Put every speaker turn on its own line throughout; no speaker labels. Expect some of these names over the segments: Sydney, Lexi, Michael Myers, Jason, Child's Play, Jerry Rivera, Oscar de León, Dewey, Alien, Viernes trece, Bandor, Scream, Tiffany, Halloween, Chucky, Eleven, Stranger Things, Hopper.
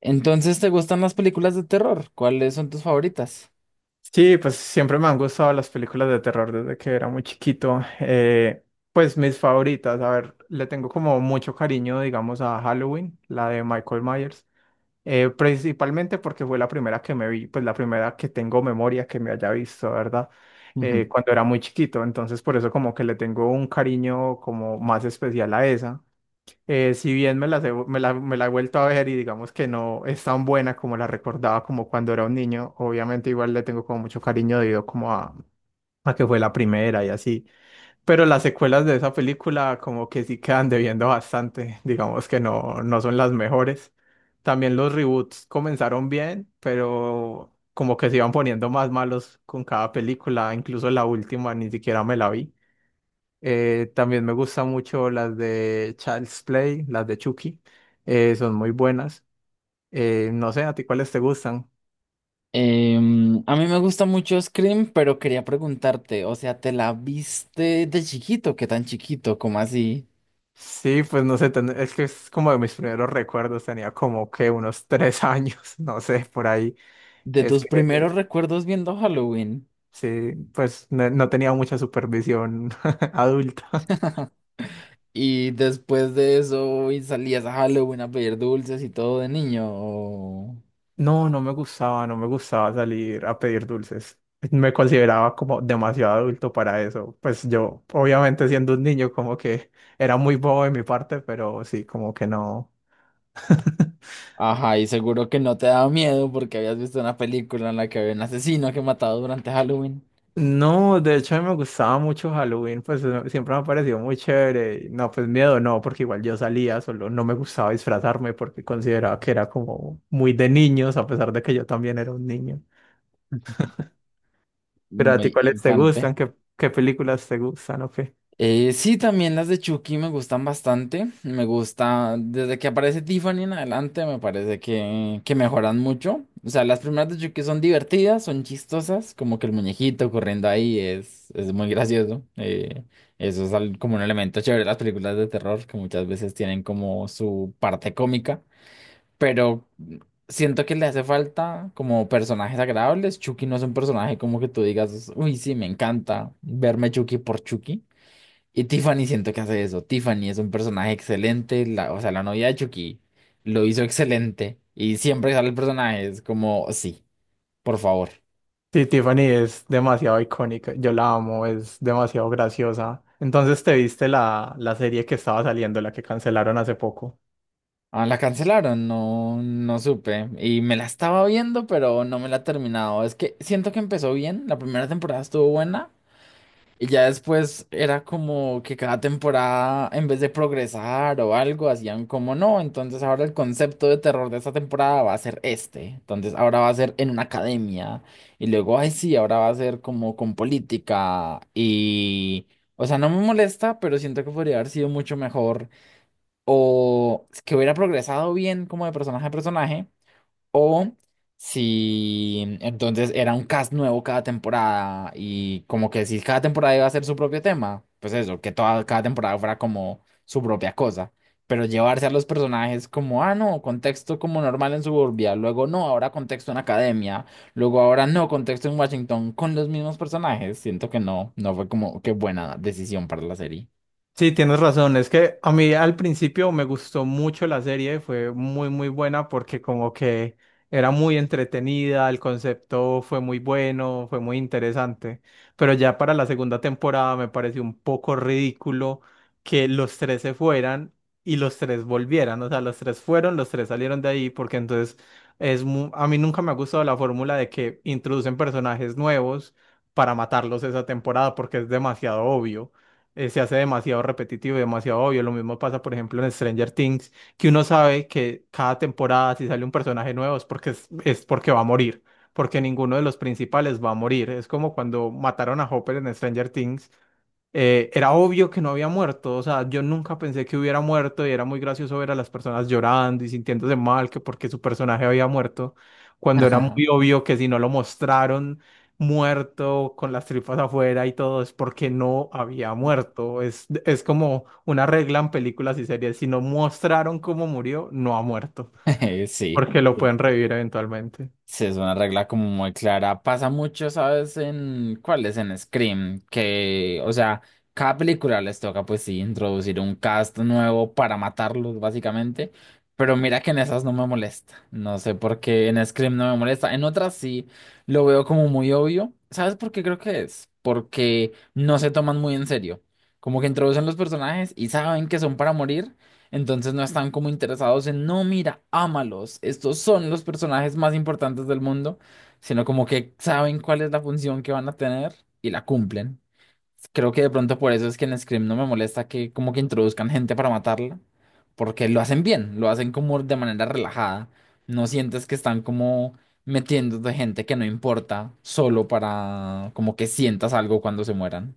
Entonces, ¿te gustan las películas de terror? ¿Cuáles son tus favoritas?
Sí, pues siempre me han gustado las películas de terror desde que era muy chiquito. Pues mis favoritas, a ver, le tengo como mucho cariño, digamos, a Halloween, la de Michael Myers, principalmente porque fue la primera que me vi, pues la primera que tengo memoria que me haya visto, ¿verdad?
Ujú.
Cuando era muy chiquito, entonces por eso como que le tengo un cariño como más especial a esa. Si bien me las he me la he vuelto a ver y digamos que no es tan buena como la recordaba como cuando era un niño, obviamente igual le tengo como mucho cariño debido como a que fue la primera y así, pero las secuelas de esa película como que sí quedan debiendo bastante. Digamos que no, no son las mejores. También los reboots comenzaron bien, pero como que se iban poniendo más malos con cada película, incluso la última ni siquiera me la vi. También me gustan mucho las de Child's Play, las de Chucky. Son muy buenas. No sé, ¿a ti cuáles te gustan?
A mí me gusta mucho Scream, pero quería preguntarte, o sea, ¿te la viste de chiquito? ¿Qué tan chiquito? ¿Cómo así?
Sí, pues no sé, es que es como de mis primeros recuerdos. Tenía como que unos 3 años, no sé, por ahí.
De
Es
tus
que
primeros recuerdos viendo Halloween.
sí, pues no, no tenía mucha supervisión adulta.
Y después de eso, ¿y salías a Halloween a pedir dulces y todo de niño?
No, no me gustaba, no me gustaba salir a pedir dulces. Me consideraba como demasiado adulto para eso. Pues yo, obviamente siendo un niño, como que era muy bobo de mi parte, pero sí, como que no.
Ajá, y seguro que no te daba miedo porque habías visto una película en la que había un asesino que mataba durante Halloween.
No, de hecho a mí me gustaba mucho Halloween, pues siempre me ha parecido muy chévere. Y no, pues miedo no, porque igual yo salía, solo no me gustaba disfrazarme porque consideraba que era como muy de niños, a pesar de que yo también era un niño.
Ujú.
Pero a ti,
Muy
¿cuáles te
infante.
gustan? ¿Qué películas te gustan? ¿O qué?
Sí, también las de Chucky me gustan bastante. Me gusta, desde que aparece Tiffany en adelante, me parece que mejoran mucho. O sea, las primeras de Chucky son divertidas, son chistosas, como que el muñequito corriendo ahí es muy gracioso. Eso es como un elemento chévere de las películas de terror, que muchas veces tienen como su parte cómica, pero siento que le hace falta como personajes agradables. Chucky no es un personaje como que tú digas, uy, sí, me encanta verme Chucky por Chucky. Y Tiffany siento que hace eso. Tiffany es un personaje excelente, la, o sea, la novia de Chucky lo hizo excelente y siempre que sale el personaje es como, sí, por favor.
Sí, Tiffany es demasiado icónica, yo la amo, es demasiado graciosa. Entonces, ¿te viste la serie que estaba saliendo, la que cancelaron hace poco?
Ah, la cancelaron, no, no supe. Y me la estaba viendo, pero no me la he terminado. Es que siento que empezó bien, la primera temporada estuvo buena. Y ya después era como que cada temporada, en vez de progresar o algo, hacían como no. Entonces ahora el concepto de terror de esta temporada va a ser este. Entonces ahora va a ser en una academia. Y luego, ay, sí, ahora va a ser como con política. Y, o sea, no me molesta, pero siento que podría haber sido mucho mejor. O que hubiera progresado bien como de personaje a personaje. O si entonces era un cast nuevo cada temporada y como que si cada temporada iba a ser su propio tema, pues eso, que toda, cada temporada fuera como su propia cosa. Pero llevarse a los personajes como, ah, no, contexto como normal en suburbia, luego no, ahora contexto en academia, luego ahora no, contexto en Washington con los mismos personajes. Siento que no, no fue como qué buena decisión para la serie.
Sí, tienes razón. Es que a mí al principio me gustó mucho la serie, fue muy, muy buena porque como que era muy entretenida, el concepto fue muy bueno, fue muy interesante. Pero ya para la segunda temporada me pareció un poco ridículo que los tres se fueran y los tres volvieran. O sea, los tres fueron, los tres salieron de ahí porque entonces es mu- a mí nunca me ha gustado la fórmula de que introducen personajes nuevos para matarlos esa temporada porque es demasiado obvio, se hace demasiado repetitivo y demasiado obvio. Lo mismo pasa, por ejemplo, en Stranger Things, que uno sabe que cada temporada si sale un personaje nuevo es porque va a morir, porque ninguno de los principales va a morir. Es como cuando mataron a Hopper en Stranger Things. Era obvio que no había muerto, o sea, yo nunca pensé que hubiera muerto y era muy gracioso ver a las personas llorando y sintiéndose mal que porque su personaje había muerto, cuando era muy obvio que si no lo mostraron muerto con las tripas afuera y todo, es porque no había muerto. Es como una regla en películas y series: si no mostraron cómo murió, no ha muerto,
Sí.
porque lo pueden revivir eventualmente.
Sí, es una regla como muy clara. Pasa mucho, ¿sabes? En cuáles en Scream, que, o sea, cada película les toca, pues sí, introducir un cast nuevo para matarlos, básicamente. Pero mira que en esas no me molesta. No sé por qué en Scream no me molesta. En otras sí lo veo como muy obvio. ¿Sabes por qué creo que es? Porque no se toman muy en serio. Como que introducen los personajes y saben que son para morir. Entonces no están como interesados en, no, mira, ámalos, estos son los personajes más importantes del mundo, sino como que saben cuál es la función que van a tener y la cumplen. Creo que de pronto por eso es que en Scream no me molesta que como que introduzcan gente para matarla, porque lo hacen bien, lo hacen como de manera relajada. No sientes que están como metiéndote gente que no importa, solo para como que sientas algo cuando se mueran.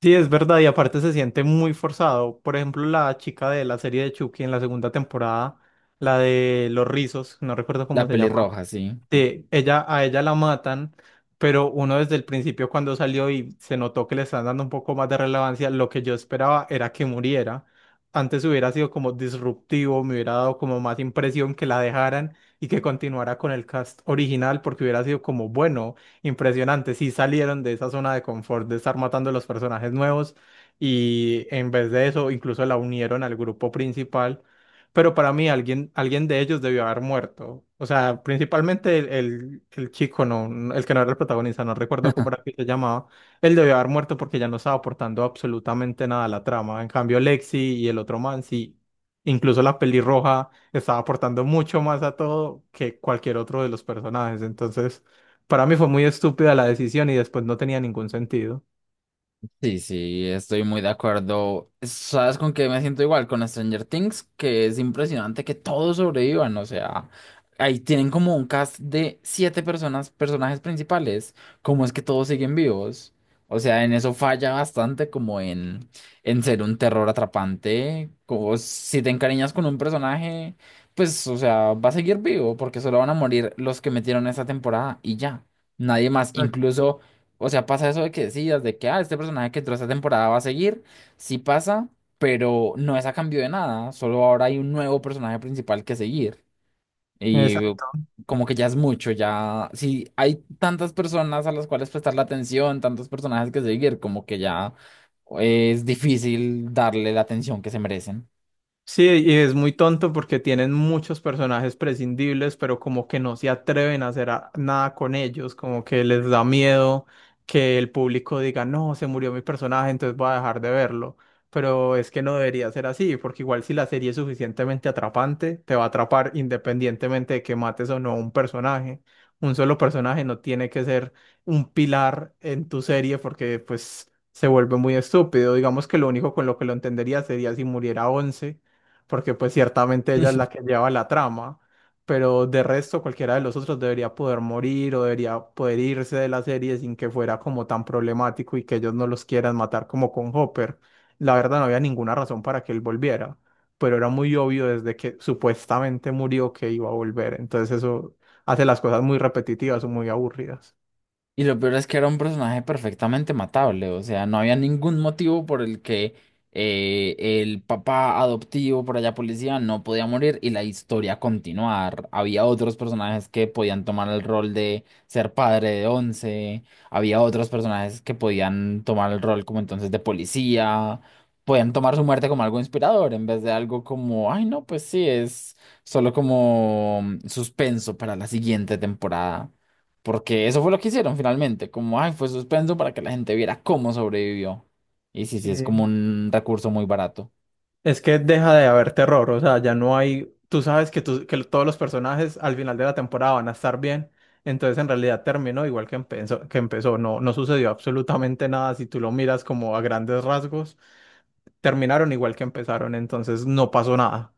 Sí, es verdad, y aparte se siente muy forzado. Por ejemplo, la chica de la serie de Chucky en la segunda temporada, la de los rizos, no recuerdo cómo
La
se llamaba.
pelirroja, sí.
Sí, ella, a ella la matan, pero uno desde el principio cuando salió y se notó que le están dando un poco más de relevancia, lo que yo esperaba era que muriera. Antes hubiera sido como disruptivo, me hubiera dado como más impresión que la dejaran y que continuara con el cast original, porque hubiera sido como, bueno, impresionante, si salieron de esa zona de confort de estar matando a los personajes nuevos y en vez de eso incluso la unieron al grupo principal. Pero para mí alguien, alguien de ellos debió haber muerto. O sea, principalmente el chico, no, el que no era el protagonista, no recuerdo cómo era que se llamaba. Él debió haber muerto porque ya no estaba aportando absolutamente nada a la trama. En cambio, Lexi y el otro man, sí, incluso la pelirroja estaba aportando mucho más a todo que cualquier otro de los personajes. Entonces, para mí fue muy estúpida la decisión y después no tenía ningún sentido.
Sí, sí, estoy muy de acuerdo. ¿Sabes con qué me siento igual? Con Stranger Things, que es impresionante que todos sobrevivan. O sea, ahí tienen como un cast de siete personas, personajes principales. ¿Cómo es que todos siguen vivos? O sea, en eso falla bastante como en ser un terror atrapante. Como si te encariñas con un personaje, pues, o sea, va a seguir vivo porque solo van a morir los que metieron esta temporada y ya. Nadie más,
Exacto.
incluso. O sea, pasa eso de que decidas de que, ah, este personaje que entró esta temporada va a seguir. Sí pasa, pero no es a cambio de nada. Solo ahora hay un nuevo personaje principal que seguir. Y
Exacto.
como que ya es mucho, ya. Si hay tantas personas a las cuales prestar la atención, tantos personajes que seguir, como que ya es difícil darle la atención que se merecen.
Sí, y es muy tonto porque tienen muchos personajes prescindibles, pero como que no se atreven a hacer nada con ellos, como que les da miedo que el público diga, no, se murió mi personaje, entonces voy a dejar de verlo. Pero es que no debería ser así, porque igual si la serie es suficientemente atrapante, te va a atrapar independientemente de que mates o no un personaje. Un solo personaje no tiene que ser un pilar en tu serie porque pues se vuelve muy estúpido. Digamos que lo único con lo que lo entendería sería si muriera once, porque pues ciertamente ella es la que lleva la trama, pero de resto cualquiera de los otros debería poder morir o debería poder irse de la serie sin que fuera como tan problemático, y que ellos no los quieran matar como con Hopper. La verdad no había ninguna razón para que él volviera, pero era muy obvio desde que supuestamente murió que iba a volver, entonces eso hace las cosas muy repetitivas o muy aburridas.
Y lo peor es que era un personaje perfectamente matable, o sea, no había ningún motivo por el que eh, el papá adoptivo por allá policía no podía morir y la historia continuar. Había otros personajes que podían tomar el rol de ser padre de once, había otros personajes que podían tomar el rol como entonces de policía, podían tomar su muerte como algo inspirador en vez de algo como, ay no, pues sí, es solo como suspenso para la siguiente temporada. Porque eso fue lo que hicieron finalmente, como, ay, fue suspenso para que la gente viera cómo sobrevivió. Y sí,
Sí.
sí, es como un recurso muy barato.
Es que deja de haber terror, o sea, ya no hay, tú sabes que todos los personajes al final de la temporada van a estar bien, entonces en realidad terminó igual que empezó, no, no sucedió absolutamente nada. Si tú lo miras como a grandes rasgos, terminaron igual que empezaron, entonces no pasó nada.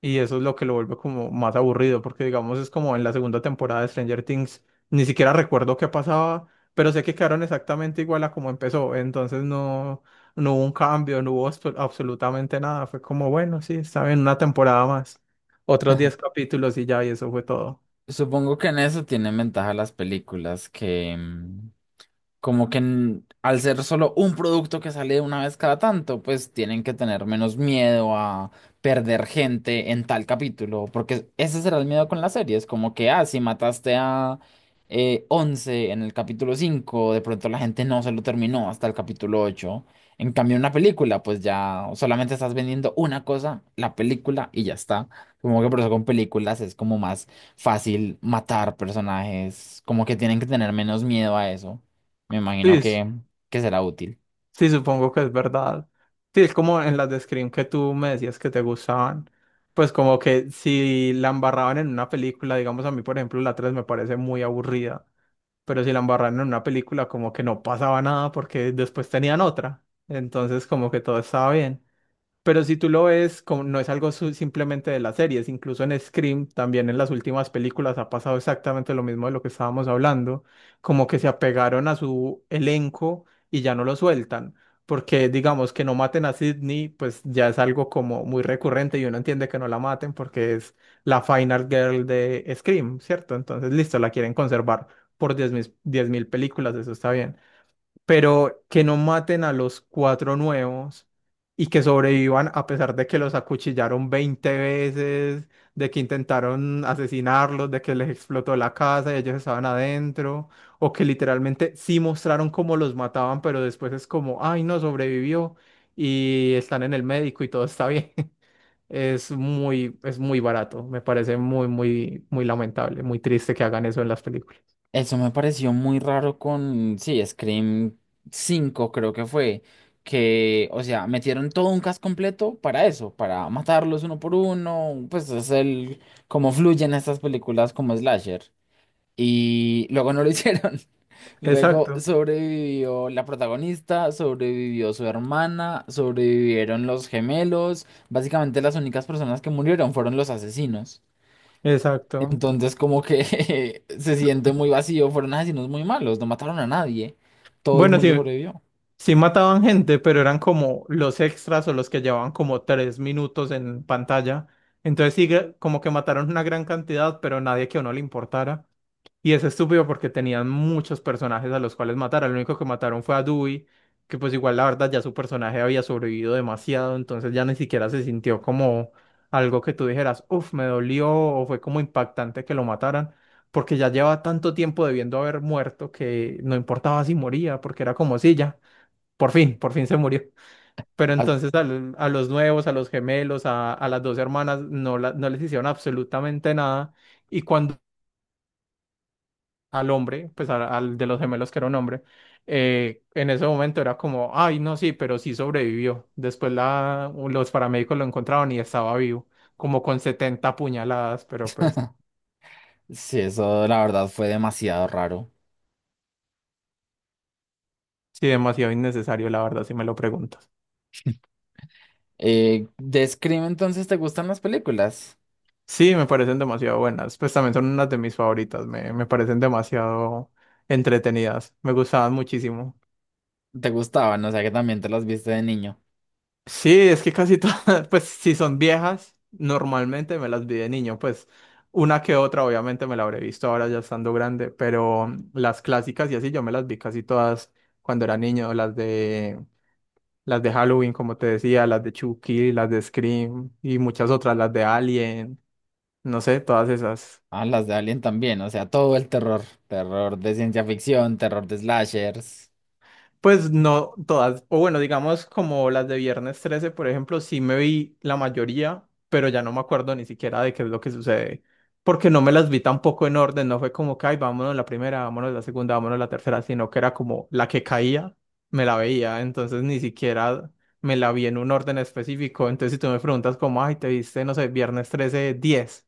Y eso es lo que lo vuelve como más aburrido, porque digamos es como en la segunda temporada de Stranger Things, ni siquiera recuerdo qué pasaba, pero sé que quedaron exactamente igual a como empezó, entonces no. No hubo un cambio, no hubo absolutamente nada. Fue como, bueno, sí, está bien, una temporada más. Otros 10 capítulos y ya, y eso fue todo.
Supongo que en eso tienen ventaja las películas que, como que al ser solo un producto que sale una vez cada tanto, pues tienen que tener menos miedo a perder gente en tal capítulo, porque ese será el miedo con las series, como que, ah, si mataste a 11 en el capítulo 5, de pronto la gente no se lo terminó hasta el capítulo 8. En cambio, en una película, pues ya solamente estás vendiendo una cosa, la película, y ya está. Como que por eso con películas es como más fácil matar personajes, como que tienen que tener menos miedo a eso. Me
Sí,
imagino que será útil.
sí, supongo que es verdad. Sí, es como en las de Scream, que tú me decías que te gustaban. Pues como que si la embarraban en una película, digamos a mí, por ejemplo, la 3 me parece muy aburrida, pero si la embarraban en una película, como que no pasaba nada porque después tenían otra. Entonces, como que todo estaba bien. Pero si tú lo ves, como no es algo simplemente de las series, incluso en Scream, también en las últimas películas ha pasado exactamente lo mismo de lo que estábamos hablando, como que se apegaron a su elenco y ya no lo sueltan, porque digamos que no maten a Sydney, pues ya es algo como muy recurrente y uno entiende que no la maten porque es la final girl de Scream, ¿cierto? Entonces, listo, la quieren conservar por 10.000 películas, eso está bien, pero que no maten a los cuatro nuevos y que sobrevivan a pesar de que los acuchillaron 20 veces, de que intentaron asesinarlos, de que les explotó la casa y ellos estaban adentro, o que literalmente sí mostraron cómo los mataban, pero después es como, ay, no sobrevivió y están en el médico y todo está bien. Es muy barato, me parece muy, muy, muy lamentable, muy triste que hagan eso en las películas.
Eso me pareció muy raro con, sí, Scream 5 creo que fue, que, o sea, metieron todo un cast completo para eso, para matarlos uno por uno, pues es el, cómo fluyen estas películas como slasher. Y luego no lo hicieron. Luego
Exacto,
sobrevivió la protagonista, sobrevivió su hermana, sobrevivieron los gemelos. Básicamente las únicas personas que murieron fueron los asesinos.
exacto.
Entonces como que se siente muy vacío, fueron asesinos muy malos, no mataron a nadie, todo el
Bueno,
mundo
sí.
sobrevivió.
Sí mataban gente, pero eran como los extras o los que llevaban como 3 minutos en pantalla. Entonces sí, como que mataron una gran cantidad, pero nadie que a uno le importara. Y es estúpido porque tenían muchos personajes a los cuales matar. El único que mataron fue a Dewey, que pues igual la verdad ya su personaje había sobrevivido demasiado, entonces ya ni siquiera se sintió como algo que tú dijeras, uff, me dolió o fue como impactante que lo mataran, porque ya lleva tanto tiempo debiendo haber muerto que no importaba si moría, porque era como si ya. Por fin se murió. Pero
As-
entonces a los nuevos, a, los gemelos, a las dos hermanas, no, no les hicieron absolutamente nada. Y cuando al hombre, pues al de los gemelos que era un hombre, en ese momento era como, ay, no, sí, pero sí sobrevivió. Después los paramédicos lo encontraron y estaba vivo, como con 70 puñaladas, pero pues
sí, eso la verdad fue demasiado raro.
sí, demasiado innecesario, la verdad, si me lo preguntas.
De Scream entonces, ¿te gustan las películas?
Sí, me parecen demasiado buenas. Pues también son unas de mis favoritas. Me parecen demasiado entretenidas. Me gustaban muchísimo.
¿Te gustaban? O sea que también te las viste de niño.
Sí, es que casi todas, pues si son viejas, normalmente me las vi de niño. Pues una que otra, obviamente me la habré visto ahora ya estando grande, pero las clásicas y así yo me las vi casi todas cuando era niño. Las de Halloween, como te decía, las de Chucky, las de Scream y muchas otras, las de Alien, no sé, todas esas.
Ah, las de Alien también, o sea, todo el terror, terror de ciencia ficción, terror de slashers.
Pues no todas, o bueno, digamos como las de Viernes trece por ejemplo, sí me vi la mayoría, pero ya no me acuerdo ni siquiera de qué es lo que sucede, porque no me las vi tampoco en orden, no fue como que, ay, vámonos la primera, vámonos la segunda, vámonos la tercera, sino que era como la que caía, me la veía, entonces ni siquiera me la vi en un orden específico, entonces si tú me preguntas como, ay, te viste, no sé, Viernes trece diez,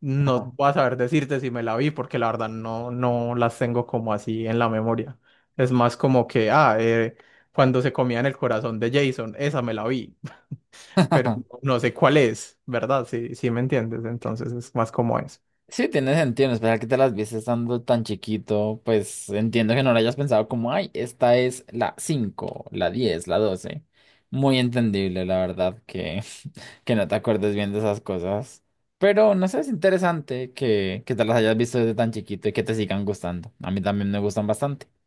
no
Ajá.
voy a saber decirte si me la vi, porque la verdad no, no las tengo como así en la memoria. Es más como que, cuando se comían el corazón de Jason, esa me la vi, pero no sé cuál es, ¿verdad? Sí, sí me entiendes, entonces es más como eso.
Sí, tiene sentido, en especial que te las viste estando tan chiquito, pues entiendo que no lo hayas pensado como, ay, esta es la 5, la 10, la 12. Muy entendible, la verdad, que, que no te acuerdes bien de esas cosas. Pero no sé, es interesante que te las hayas visto desde tan chiquito y que te sigan gustando. A mí también me gustan bastante.